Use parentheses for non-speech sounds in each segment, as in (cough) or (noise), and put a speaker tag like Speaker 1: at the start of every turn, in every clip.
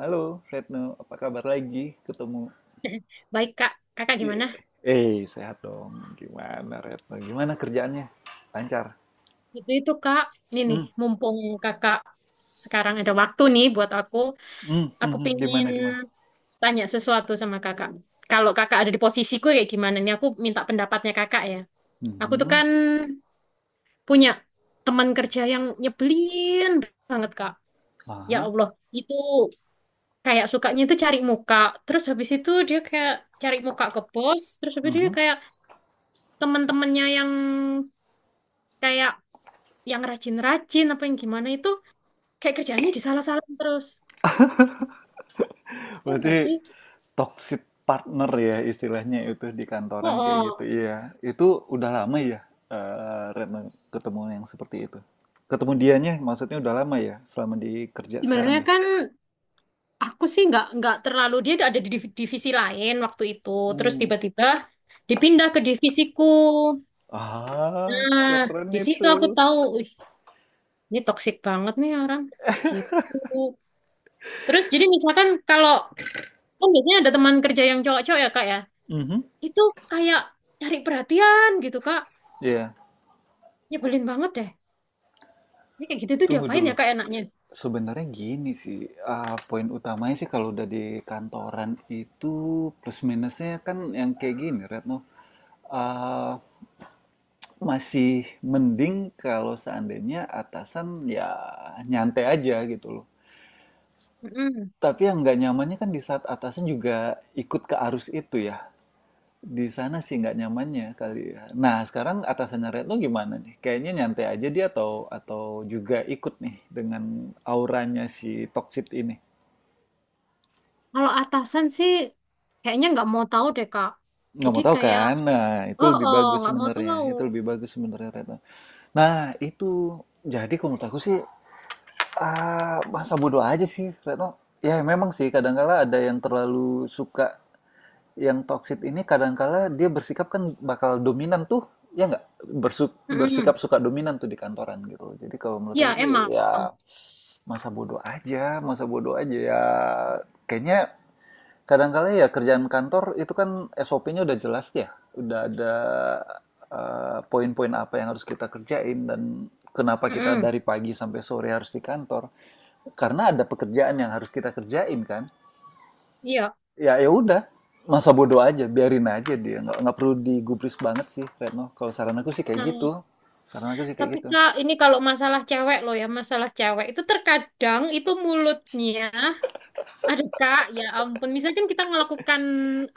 Speaker 1: Halo, Retno. Apa kabar lagi? Ketemu.
Speaker 2: (laughs) Baik, Kak. Kakak
Speaker 1: Iya.
Speaker 2: gimana?
Speaker 1: Sehat dong. Gimana, Retno? Gimana kerjaannya? Lancar.
Speaker 2: Itu, Kak. Ini nih,
Speaker 1: Hmm,
Speaker 2: mumpung Kakak sekarang ada waktu nih buat aku, aku
Speaker 1: hmm.
Speaker 2: pingin
Speaker 1: Gimana, gimana?
Speaker 2: tanya sesuatu sama Kakak. Kalau Kakak ada di posisiku kayak gimana nih? Aku minta pendapatnya Kakak ya. Aku tuh
Speaker 1: Hmm,
Speaker 2: kan punya teman kerja yang nyebelin banget, Kak. Ya
Speaker 1: aha,
Speaker 2: Allah, itu kayak sukanya itu cari muka. Terus habis itu dia kayak cari muka ke bos, terus habis itu
Speaker 1: hmm.
Speaker 2: dia kayak teman-temannya yang kayak yang rajin-rajin apa yang gimana itu kayak kerjaannya disalah-salahin terus. Oh,
Speaker 1: Berarti
Speaker 2: enggak sih?
Speaker 1: toxic partner ya istilahnya itu di
Speaker 2: Oh,
Speaker 1: kantoran kayak gitu.
Speaker 2: oh.
Speaker 1: Iya, itu udah lama ya, Retno ketemu yang seperti itu. Ketemu dianya maksudnya udah lama ya, selama di kerja
Speaker 2: Sebenarnya
Speaker 1: sekarang ya.
Speaker 2: kan aku sih nggak terlalu, dia ada di divisi lain waktu itu. Terus
Speaker 1: Hmm.
Speaker 2: tiba-tiba dipindah ke divisiku.
Speaker 1: Ah,
Speaker 2: Nah,
Speaker 1: keren
Speaker 2: di situ
Speaker 1: itu.
Speaker 2: aku tahu, "Wih, ini toksik banget nih orang." Gitu. Terus jadi misalkan kalau kan biasanya ada teman kerja yang cowok-cowok ya, Kak ya.
Speaker 1: Mhm.
Speaker 2: Itu kayak cari perhatian gitu, Kak.
Speaker 1: Iya.
Speaker 2: Nyebelin banget deh. Ini kayak gitu tuh
Speaker 1: Tunggu
Speaker 2: diapain
Speaker 1: dulu.
Speaker 2: ya, Kak, enaknya?
Speaker 1: Sebenarnya gini sih, poin utamanya sih kalau udah di kantoran itu plus minusnya kan yang kayak gini, Retno. Ah, Masih mending kalau seandainya atasan ya nyantai aja gitu loh.
Speaker 2: Mm-mm.
Speaker 1: Tapi yang nggak nyamannya kan di saat atasan juga ikut ke arus itu ya. Di sana sih nggak nyamannya kali ya. Nah, sekarang atasannya Retno gimana nih? Kayaknya nyantai aja dia atau juga ikut nih dengan auranya si toksit ini.
Speaker 2: Kalau atasan sih kayaknya nggak mau tahu deh, Kak.
Speaker 1: Nggak
Speaker 2: Jadi
Speaker 1: mau tahu
Speaker 2: kayak
Speaker 1: kan? Nah, itu
Speaker 2: oh,
Speaker 1: lebih
Speaker 2: oh,
Speaker 1: bagus
Speaker 2: nggak mau
Speaker 1: sebenarnya.
Speaker 2: tahu.
Speaker 1: Itu lebih bagus sebenarnya Retno. Nah, itu jadi kalau menurut aku sih masa bodoh aja sih Retno. Ya memang sih kadangkala ada yang terlalu suka yang toksit ini kadangkala dia bersikap kan bakal dominan tuh. Ya nggak?
Speaker 2: Mm-mm.
Speaker 1: Bersikap suka dominan tuh di kantoran gitu. Jadi kalau menurut aku
Speaker 2: Iya,
Speaker 1: sih
Speaker 2: emang.
Speaker 1: ya masa bodoh aja ya kayaknya kadang-kadang ya kerjaan kantor itu kan SOP-nya udah jelas ya, udah ada poin-poin apa yang harus kita kerjain dan kenapa kita
Speaker 2: Mm-mm.
Speaker 1: dari pagi sampai sore harus di kantor. Karena ada pekerjaan yang harus kita kerjain kan.
Speaker 2: Iya.
Speaker 1: Ya ya udah, masa bodoh aja, biarin aja dia. Nggak perlu digubris banget sih, Retno. Kalau saran aku sih kayak
Speaker 2: Nah,
Speaker 1: gitu. Saran aku sih kayak
Speaker 2: tapi
Speaker 1: gitu.
Speaker 2: Kak, ini kalau masalah cewek loh ya, masalah cewek itu terkadang itu mulutnya, aduh Kak ya ampun, misalkan kita melakukan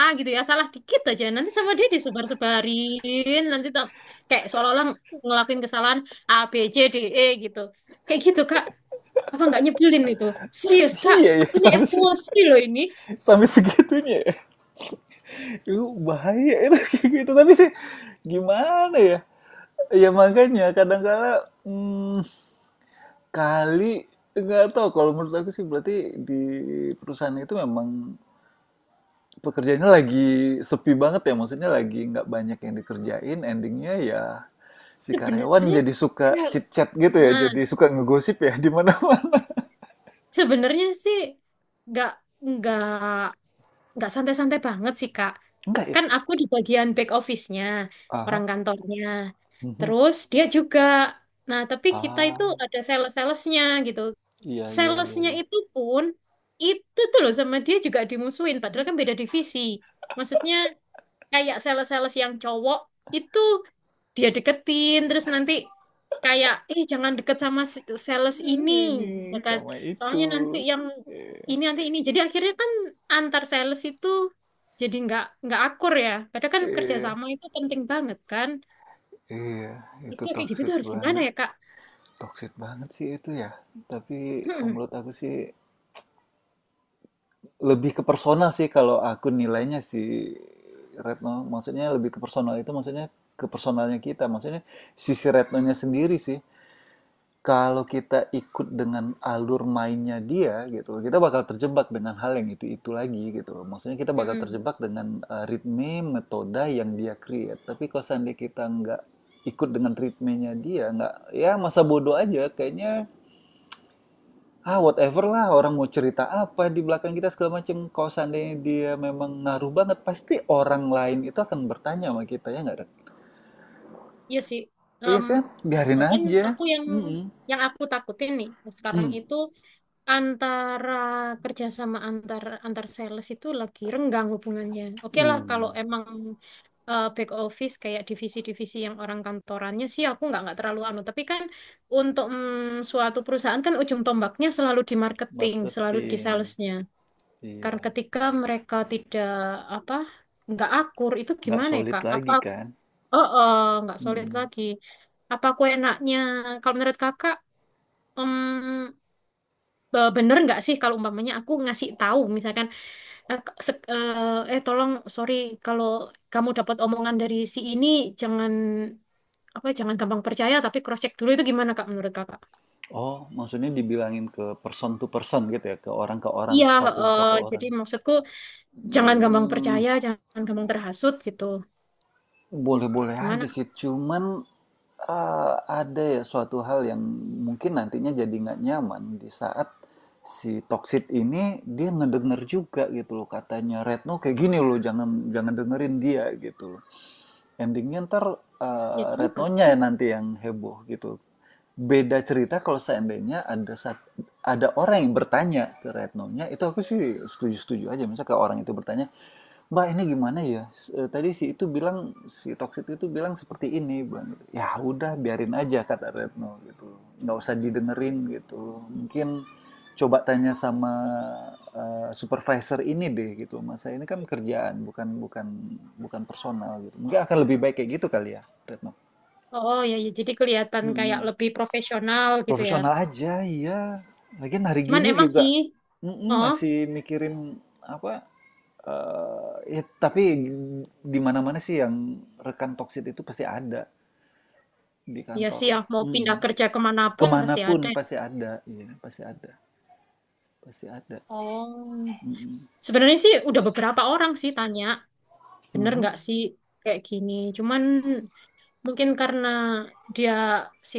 Speaker 2: A gitu ya, salah dikit aja nanti sama dia disebar-sebarin, nanti kayak seolah-olah ngelakuin kesalahan A B C D E gitu, kayak gitu Kak. Apa nggak nyebelin itu? Serius,
Speaker 1: (laughs)
Speaker 2: Kak,
Speaker 1: Iya ya,
Speaker 2: aku ini emosi loh ini.
Speaker 1: sampai segitunya ya. Itu bahaya itu (laughs) kayak gitu. Tapi sih gimana ya? Ya makanya kadangkala, mmm, kali nggak tahu kalau menurut aku sih berarti di perusahaan itu memang pekerjaannya lagi sepi banget ya, maksudnya lagi nggak banyak yang dikerjain, endingnya ya si karyawan
Speaker 2: Sebenarnya,
Speaker 1: jadi suka
Speaker 2: ya,
Speaker 1: chit-chat gitu ya,
Speaker 2: nah,
Speaker 1: jadi suka ngegosip ya di mana-mana.
Speaker 2: sebenarnya sih nggak nggak nggak santai-santai banget sih, Kak.
Speaker 1: (laughs) Enggak ya?
Speaker 2: Kan aku di bagian back office-nya, orang
Speaker 1: Ah
Speaker 2: kantornya.
Speaker 1: mhm.
Speaker 2: Terus dia juga. Nah, tapi kita itu
Speaker 1: Ah,
Speaker 2: ada sales-salesnya gitu.
Speaker 1: iya iya iya
Speaker 2: Salesnya
Speaker 1: iya.
Speaker 2: itu pun itu tuh loh sama dia juga dimusuhin. Padahal kan beda divisi. Maksudnya kayak sales-sales yang cowok itu dia deketin, terus nanti kayak, eh, jangan deket sama sales
Speaker 1: Nah
Speaker 2: ini,
Speaker 1: ini,
Speaker 2: ya kan,
Speaker 1: sama itu.
Speaker 2: soalnya nanti yang
Speaker 1: eh
Speaker 2: ini nanti ini jadi akhirnya kan antar sales itu jadi nggak akur, ya padahal kan
Speaker 1: iya,
Speaker 2: kerjasama itu penting banget kan.
Speaker 1: iya, itu
Speaker 2: Itu kayak gitu
Speaker 1: toxic
Speaker 2: tuh harus gimana
Speaker 1: banget.
Speaker 2: ya, kak?
Speaker 1: Toxic banget sih itu ya. Tapi kalau
Speaker 2: Mm-mm,
Speaker 1: menurut aku sih lebih ke personal sih kalau aku nilainya sih Retno. Maksudnya lebih ke personal itu maksudnya ke personalnya kita. Maksudnya sisi Retnonya sendiri sih. Kalau kita ikut dengan alur mainnya dia gitu, kita bakal terjebak dengan hal yang itu-itu lagi gitu. Maksudnya kita bakal
Speaker 2: mm-mm.
Speaker 1: terjebak dengan ritme, metode yang dia create. Tapi kalau seandainya kita nggak ikut dengan ritmenya dia, nggak ya masa bodoh aja kayaknya ah whatever lah orang mau cerita apa di belakang kita segala macam kalau seandainya dia memang ngaruh banget pasti orang lain itu akan bertanya sama kita ya nggak Ren?
Speaker 2: Iya sih.
Speaker 1: Iya
Speaker 2: Em,
Speaker 1: kan biarin
Speaker 2: mungkin
Speaker 1: aja.
Speaker 2: aku yang
Speaker 1: Mm-mm.
Speaker 2: yang aku takutin nih sekarang
Speaker 1: Mm.
Speaker 2: itu antara kerjasama antar antar sales itu lagi renggang hubungannya. Oke lah kalau
Speaker 1: Uh,
Speaker 2: emang, back office kayak divisi-divisi yang orang kantorannya sih aku nggak terlalu anu, tapi kan untuk, suatu perusahaan kan ujung tombaknya selalu di marketing, selalu di
Speaker 1: Marketing,
Speaker 2: salesnya,
Speaker 1: iya.
Speaker 2: karena ketika mereka tidak, apa, nggak akur itu
Speaker 1: Nggak
Speaker 2: gimana ya,
Speaker 1: solid
Speaker 2: kak, apa?
Speaker 1: lagi kan.
Speaker 2: Oh, oh, nggak solid
Speaker 1: Mm-mm.
Speaker 2: lagi. Apa aku enaknya kalau menurut kakak, mm, bener nggak sih kalau umpamanya aku ngasih tahu misalkan, tolong sorry, kalau kamu dapat omongan dari si ini jangan, apa, jangan gampang percaya tapi cross check dulu, itu gimana Kak menurut Kakak?
Speaker 1: Oh maksudnya dibilangin ke person to person gitu ya ke orang
Speaker 2: Iya,
Speaker 1: satu satu orang.
Speaker 2: jadi maksudku jangan gampang
Speaker 1: Hmm,
Speaker 2: percaya, jangan gampang terhasut gitu.
Speaker 1: boleh-boleh aja
Speaker 2: Gimana?
Speaker 1: sih, cuman eee, ada ya suatu hal yang mungkin nantinya jadi nggak nyaman di saat si toksik ini dia ngedenger juga gitu loh katanya Retno kayak gini loh jangan jangan dengerin dia gitu loh. Ending-nya entar,
Speaker 2: Oh, ya juga
Speaker 1: Retnonya
Speaker 2: sih.
Speaker 1: ya nanti yang heboh gitu. Beda cerita kalau seandainya ada orang yang bertanya ke Retnonya, itu aku sih setuju-setuju aja. Misalnya kayak orang itu bertanya, "Mbak, ini gimana ya? S e, tadi si itu bilang, si toksik itu bilang seperti ini, bilang gitu." Ya udah biarin aja kata Retno gitu, nggak usah didengerin gitu. Mungkin coba tanya sama, supervisor ini deh gitu, "Mas, saya ini kan kerjaan bukan bukan bukan personal gitu." Mungkin akan lebih baik kayak gitu kali ya Retno?
Speaker 2: Oh ya, ya jadi kelihatan kayak
Speaker 1: Mhm,
Speaker 2: lebih profesional gitu ya.
Speaker 1: profesional aja, iya. Lagian hari
Speaker 2: Cuman
Speaker 1: gini
Speaker 2: emang
Speaker 1: juga
Speaker 2: sih,
Speaker 1: mhm,
Speaker 2: oh
Speaker 1: masih mikirin apa, ya, tapi di mana-mana sih yang rekan toksit itu pasti ada di
Speaker 2: ya
Speaker 1: kantor.
Speaker 2: sih, ya mau
Speaker 1: Mm.
Speaker 2: pindah kerja kemanapun pasti ada.
Speaker 1: Kemanapun pasti ada, iya pasti ada, pasti ada.
Speaker 2: Oh,
Speaker 1: Mm-mm.
Speaker 2: sebenarnya sih udah beberapa orang sih tanya, bener
Speaker 1: Mhm.
Speaker 2: nggak sih kayak gini? Cuman mungkin karena dia, si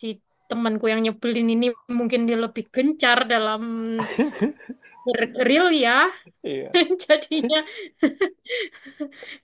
Speaker 2: si temanku yang nyebelin ini, mungkin dia lebih gencar dalam real ya.
Speaker 1: Iya.
Speaker 2: (laughs) Jadinya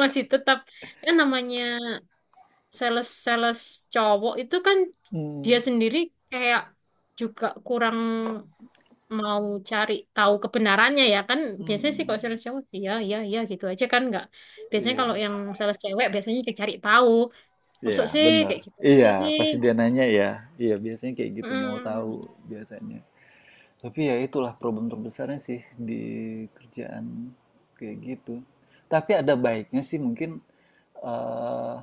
Speaker 2: masih tetap, ya namanya sales-sales cowok itu kan dia
Speaker 1: Mm.
Speaker 2: sendiri kayak juga kurang mau cari tahu kebenarannya ya kan. Biasanya sih
Speaker 1: Mm.
Speaker 2: kalau sales cowok iya, iya, iya gitu aja kan, nggak biasanya.
Speaker 1: Iya,
Speaker 2: Kalau yang sales cewek biasanya dicari tahu.
Speaker 1: iya,
Speaker 2: Masuk sih
Speaker 1: benar.
Speaker 2: kayak gitu.
Speaker 1: Iya,
Speaker 2: Masuk sih.
Speaker 1: pasti dia nanya ya. Iya, biasanya kayak gitu mau tahu
Speaker 2: Mm,
Speaker 1: biasanya. Tapi ya itulah problem terbesarnya sih di kerjaan kayak gitu. Tapi ada baiknya sih mungkin eh,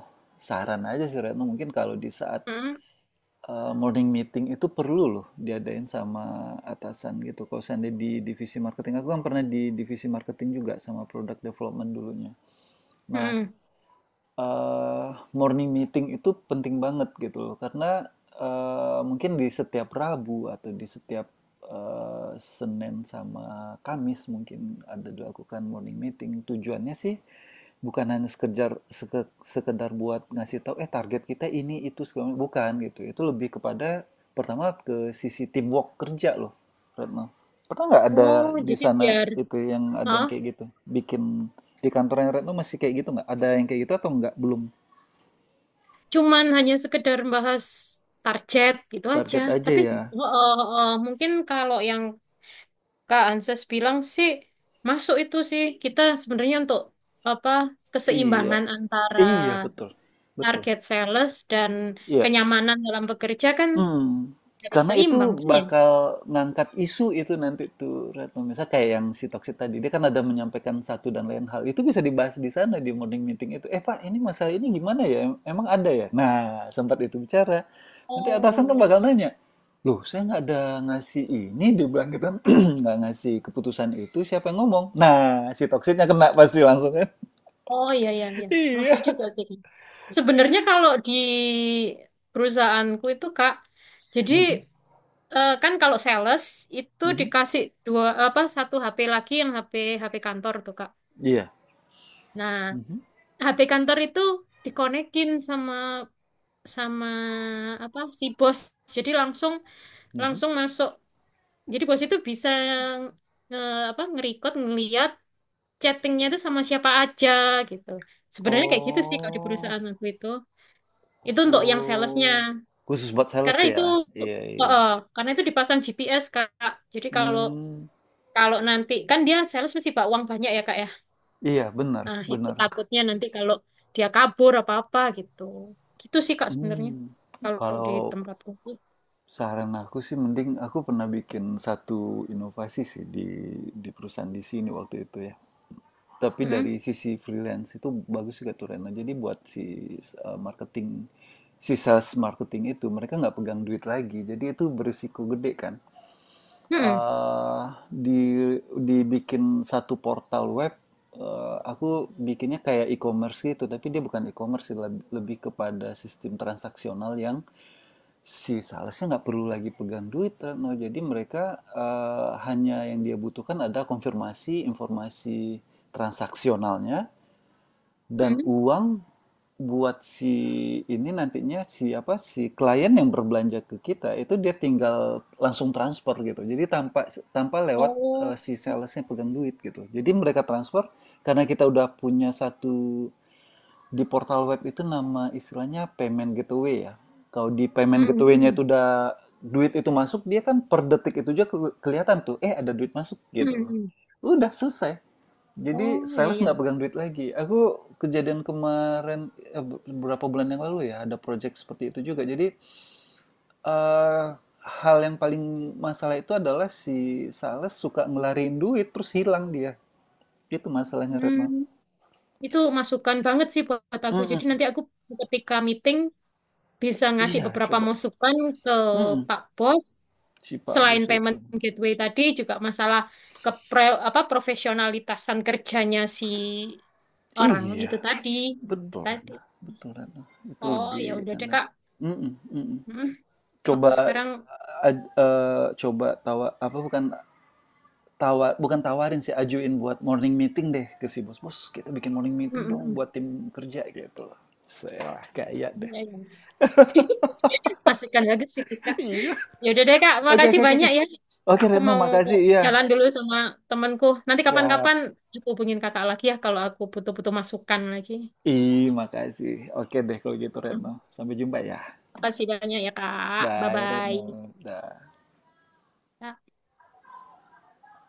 Speaker 1: saran aja sih Retno mungkin kalau di saat
Speaker 2: mm.
Speaker 1: morning meeting itu perlu loh diadain sama atasan gitu. Kalau seandainya di divisi marketing, aku kan pernah di divisi marketing juga sama product development dulunya. Nah,
Speaker 2: Mm.
Speaker 1: eee, morning meeting itu penting banget gitu loh, karena, mungkin di setiap Rabu atau di setiap, Senin sama Kamis mungkin ada dilakukan morning meeting. Tujuannya sih bukan hanya sekedar sekedar buat ngasih tahu, "Eh, target kita ini, itu, segala" bukan gitu. Itu lebih kepada pertama ke sisi teamwork kerja loh, Retno. Pernah nggak ada
Speaker 2: Oh,
Speaker 1: di
Speaker 2: jadi
Speaker 1: sana
Speaker 2: biar.
Speaker 1: itu yang ada yang
Speaker 2: Hah?
Speaker 1: kayak gitu? Bikin di kantornya Retno masih kayak gitu nggak? Ada yang kayak gitu atau nggak? Belum.
Speaker 2: Cuman hanya sekedar bahas target gitu aja.
Speaker 1: Target aja
Speaker 2: Tapi
Speaker 1: ya.
Speaker 2: oh, oh, oh, mungkin kalau yang Kak Anses bilang sih masuk itu sih, kita sebenarnya untuk apa,
Speaker 1: Iya.
Speaker 2: keseimbangan antara
Speaker 1: Iya, betul. Betul.
Speaker 2: target sales dan
Speaker 1: Iya.
Speaker 2: kenyamanan dalam bekerja kan
Speaker 1: Hmm,
Speaker 2: harus
Speaker 1: karena itu
Speaker 2: seimbang kan ya?
Speaker 1: bakal ngangkat isu itu nanti tuh Retno. Misalnya kayak yang si Toksik tadi, dia kan ada menyampaikan satu dan lain hal. Itu bisa dibahas di sana di morning meeting itu. "Eh Pak, ini masalah ini gimana ya? Emang ada ya?" Nah, sempat itu bicara. Nanti
Speaker 2: Oh,
Speaker 1: atasan kan
Speaker 2: iya. Iya.
Speaker 1: bakal nanya, "Loh saya nggak ada ngasih ini", dia bilang gitu kan, (clears throat) nggak ngasih keputusan itu, siapa yang ngomong? Nah, si Toksiknya kena pasti langsung kan.
Speaker 2: Oh, iya, iya,
Speaker 1: (laughs)
Speaker 2: iya. Masuk
Speaker 1: Iya.
Speaker 2: juga sih. Sebenarnya kalau di perusahaanku itu Kak, jadi
Speaker 1: Mhm,
Speaker 2: Kan kalau sales itu
Speaker 1: mhm.
Speaker 2: dikasih dua apa satu HP lagi, yang HP HP kantor tuh Kak.
Speaker 1: Iya.
Speaker 2: Nah,
Speaker 1: Mhm,
Speaker 2: HP kantor itu dikonekin sama sama apa si bos. Jadi langsung
Speaker 1: mhm.
Speaker 2: langsung masuk. Jadi bos itu bisa nge, apa ngerecord, ngeliat chattingnya itu sama siapa aja gitu. Sebenarnya kayak gitu sih kalau di
Speaker 1: Oh.
Speaker 2: perusahaan waktu itu. Itu untuk yang salesnya.
Speaker 1: Oh, khusus buat sales
Speaker 2: Karena itu
Speaker 1: ya? Iya,
Speaker 2: eh,
Speaker 1: iya.
Speaker 2: eh, karena itu dipasang GPS Kak. Jadi kalau
Speaker 1: Hmm,
Speaker 2: Kalau nanti kan dia sales mesti bawa uang banyak ya, kak, ya.
Speaker 1: iya benar,
Speaker 2: Nah itu
Speaker 1: benar.
Speaker 2: takutnya nanti kalau dia kabur apa-apa gitu. Gitu sih kak, sebenarnya
Speaker 1: Hmm,
Speaker 2: kalau di
Speaker 1: kalau
Speaker 2: tempatku.
Speaker 1: saran aku sih mending aku pernah bikin satu inovasi sih di perusahaan di sini waktu itu ya. Tapi dari
Speaker 2: Mm-mm.
Speaker 1: sisi freelance itu bagus juga tuh Rena. Jadi buat si marketing, si sales marketing itu mereka nggak pegang duit lagi. Jadi itu berisiko gede kan.
Speaker 2: Mm-mm.
Speaker 1: Eh, di Dibikin satu portal web aku bikinnya kayak e-commerce gitu tapi dia bukan e-commerce sih, lebih kepada sistem transaksional yang si salesnya nggak perlu lagi pegang duit no jadi mereka hanya yang dia butuhkan ada konfirmasi informasi transaksionalnya dan
Speaker 2: Mm-mm.
Speaker 1: uang buat si ini nantinya si apa si klien yang berbelanja ke kita itu dia tinggal langsung transfer gitu. Jadi tanpa tanpa lewat
Speaker 2: Oh.
Speaker 1: si salesnya pegang duit gitu. Jadi mereka transfer karena kita udah punya satu di portal web itu nama istilahnya payment gateway ya. Kalau di payment gateway-nya
Speaker 2: Mm-mm.
Speaker 1: itu udah duit itu masuk, dia kan per detik itu juga kelihatan tuh, eh ada duit masuk gitu.
Speaker 2: Mm-mm.
Speaker 1: Udah selesai. Jadi
Speaker 2: Oh, iya,
Speaker 1: sales
Speaker 2: iya.
Speaker 1: nggak pegang duit lagi. Aku kejadian kemarin eh, beberapa bulan yang lalu ya ada project seperti itu juga. Jadi eh, hal yang paling masalah itu adalah si sales suka ngelarin duit terus hilang dia. Itu masalahnya Retno.
Speaker 2: Hmm. Itu masukan banget sih buat aku. Jadi
Speaker 1: Mm-mm.
Speaker 2: nanti aku ketika meeting bisa ngasih
Speaker 1: Iya,
Speaker 2: beberapa
Speaker 1: coba.
Speaker 2: masukan ke
Speaker 1: Mm-mm.
Speaker 2: Pak Bos.
Speaker 1: Si Pak
Speaker 2: Selain
Speaker 1: Bos itu.
Speaker 2: payment gateway tadi, juga masalah ke apa profesionalitasan kerjanya si orang
Speaker 1: Iya,
Speaker 2: itu tadi, teman itu
Speaker 1: betul
Speaker 2: tadi.
Speaker 1: Retno. Betul Retno. Itu
Speaker 2: Oh,
Speaker 1: lebih
Speaker 2: ya udah deh,
Speaker 1: enak.
Speaker 2: Kak.
Speaker 1: Mm-mm, mm-mm.
Speaker 2: Mm, aku
Speaker 1: Coba
Speaker 2: sekarang,
Speaker 1: ad- eh, coba tawa apa bukan tawar bukan tawarin sih ajuin buat morning meeting deh ke si bos bos kita bikin morning
Speaker 2: mm,
Speaker 1: meeting dong
Speaker 2: mm,
Speaker 1: buat tim kerja gitu loh saya kayak
Speaker 2: mm.
Speaker 1: deh.
Speaker 2: Ya, ya. (laughs) Masukkan lagi sih, Kak.
Speaker 1: (laughs) Iya.
Speaker 2: Ya udah deh, Kak.
Speaker 1: Oke oke
Speaker 2: Makasih
Speaker 1: oke oke
Speaker 2: banyak ya.
Speaker 1: oke
Speaker 2: Aku
Speaker 1: Retno
Speaker 2: mau
Speaker 1: makasih iya.
Speaker 2: jalan dulu sama temanku. Nanti
Speaker 1: Siap.
Speaker 2: kapan-kapan aku hubungin Kakak lagi ya, kalau aku butuh-butuh masukan lagi.
Speaker 1: Ih, makasih. Oke deh kalau gitu Retno.
Speaker 2: Mm.
Speaker 1: Sampai jumpa ya.
Speaker 2: Makasih banyak ya, Kak.
Speaker 1: Bye
Speaker 2: Bye-bye.
Speaker 1: Retno. Dah.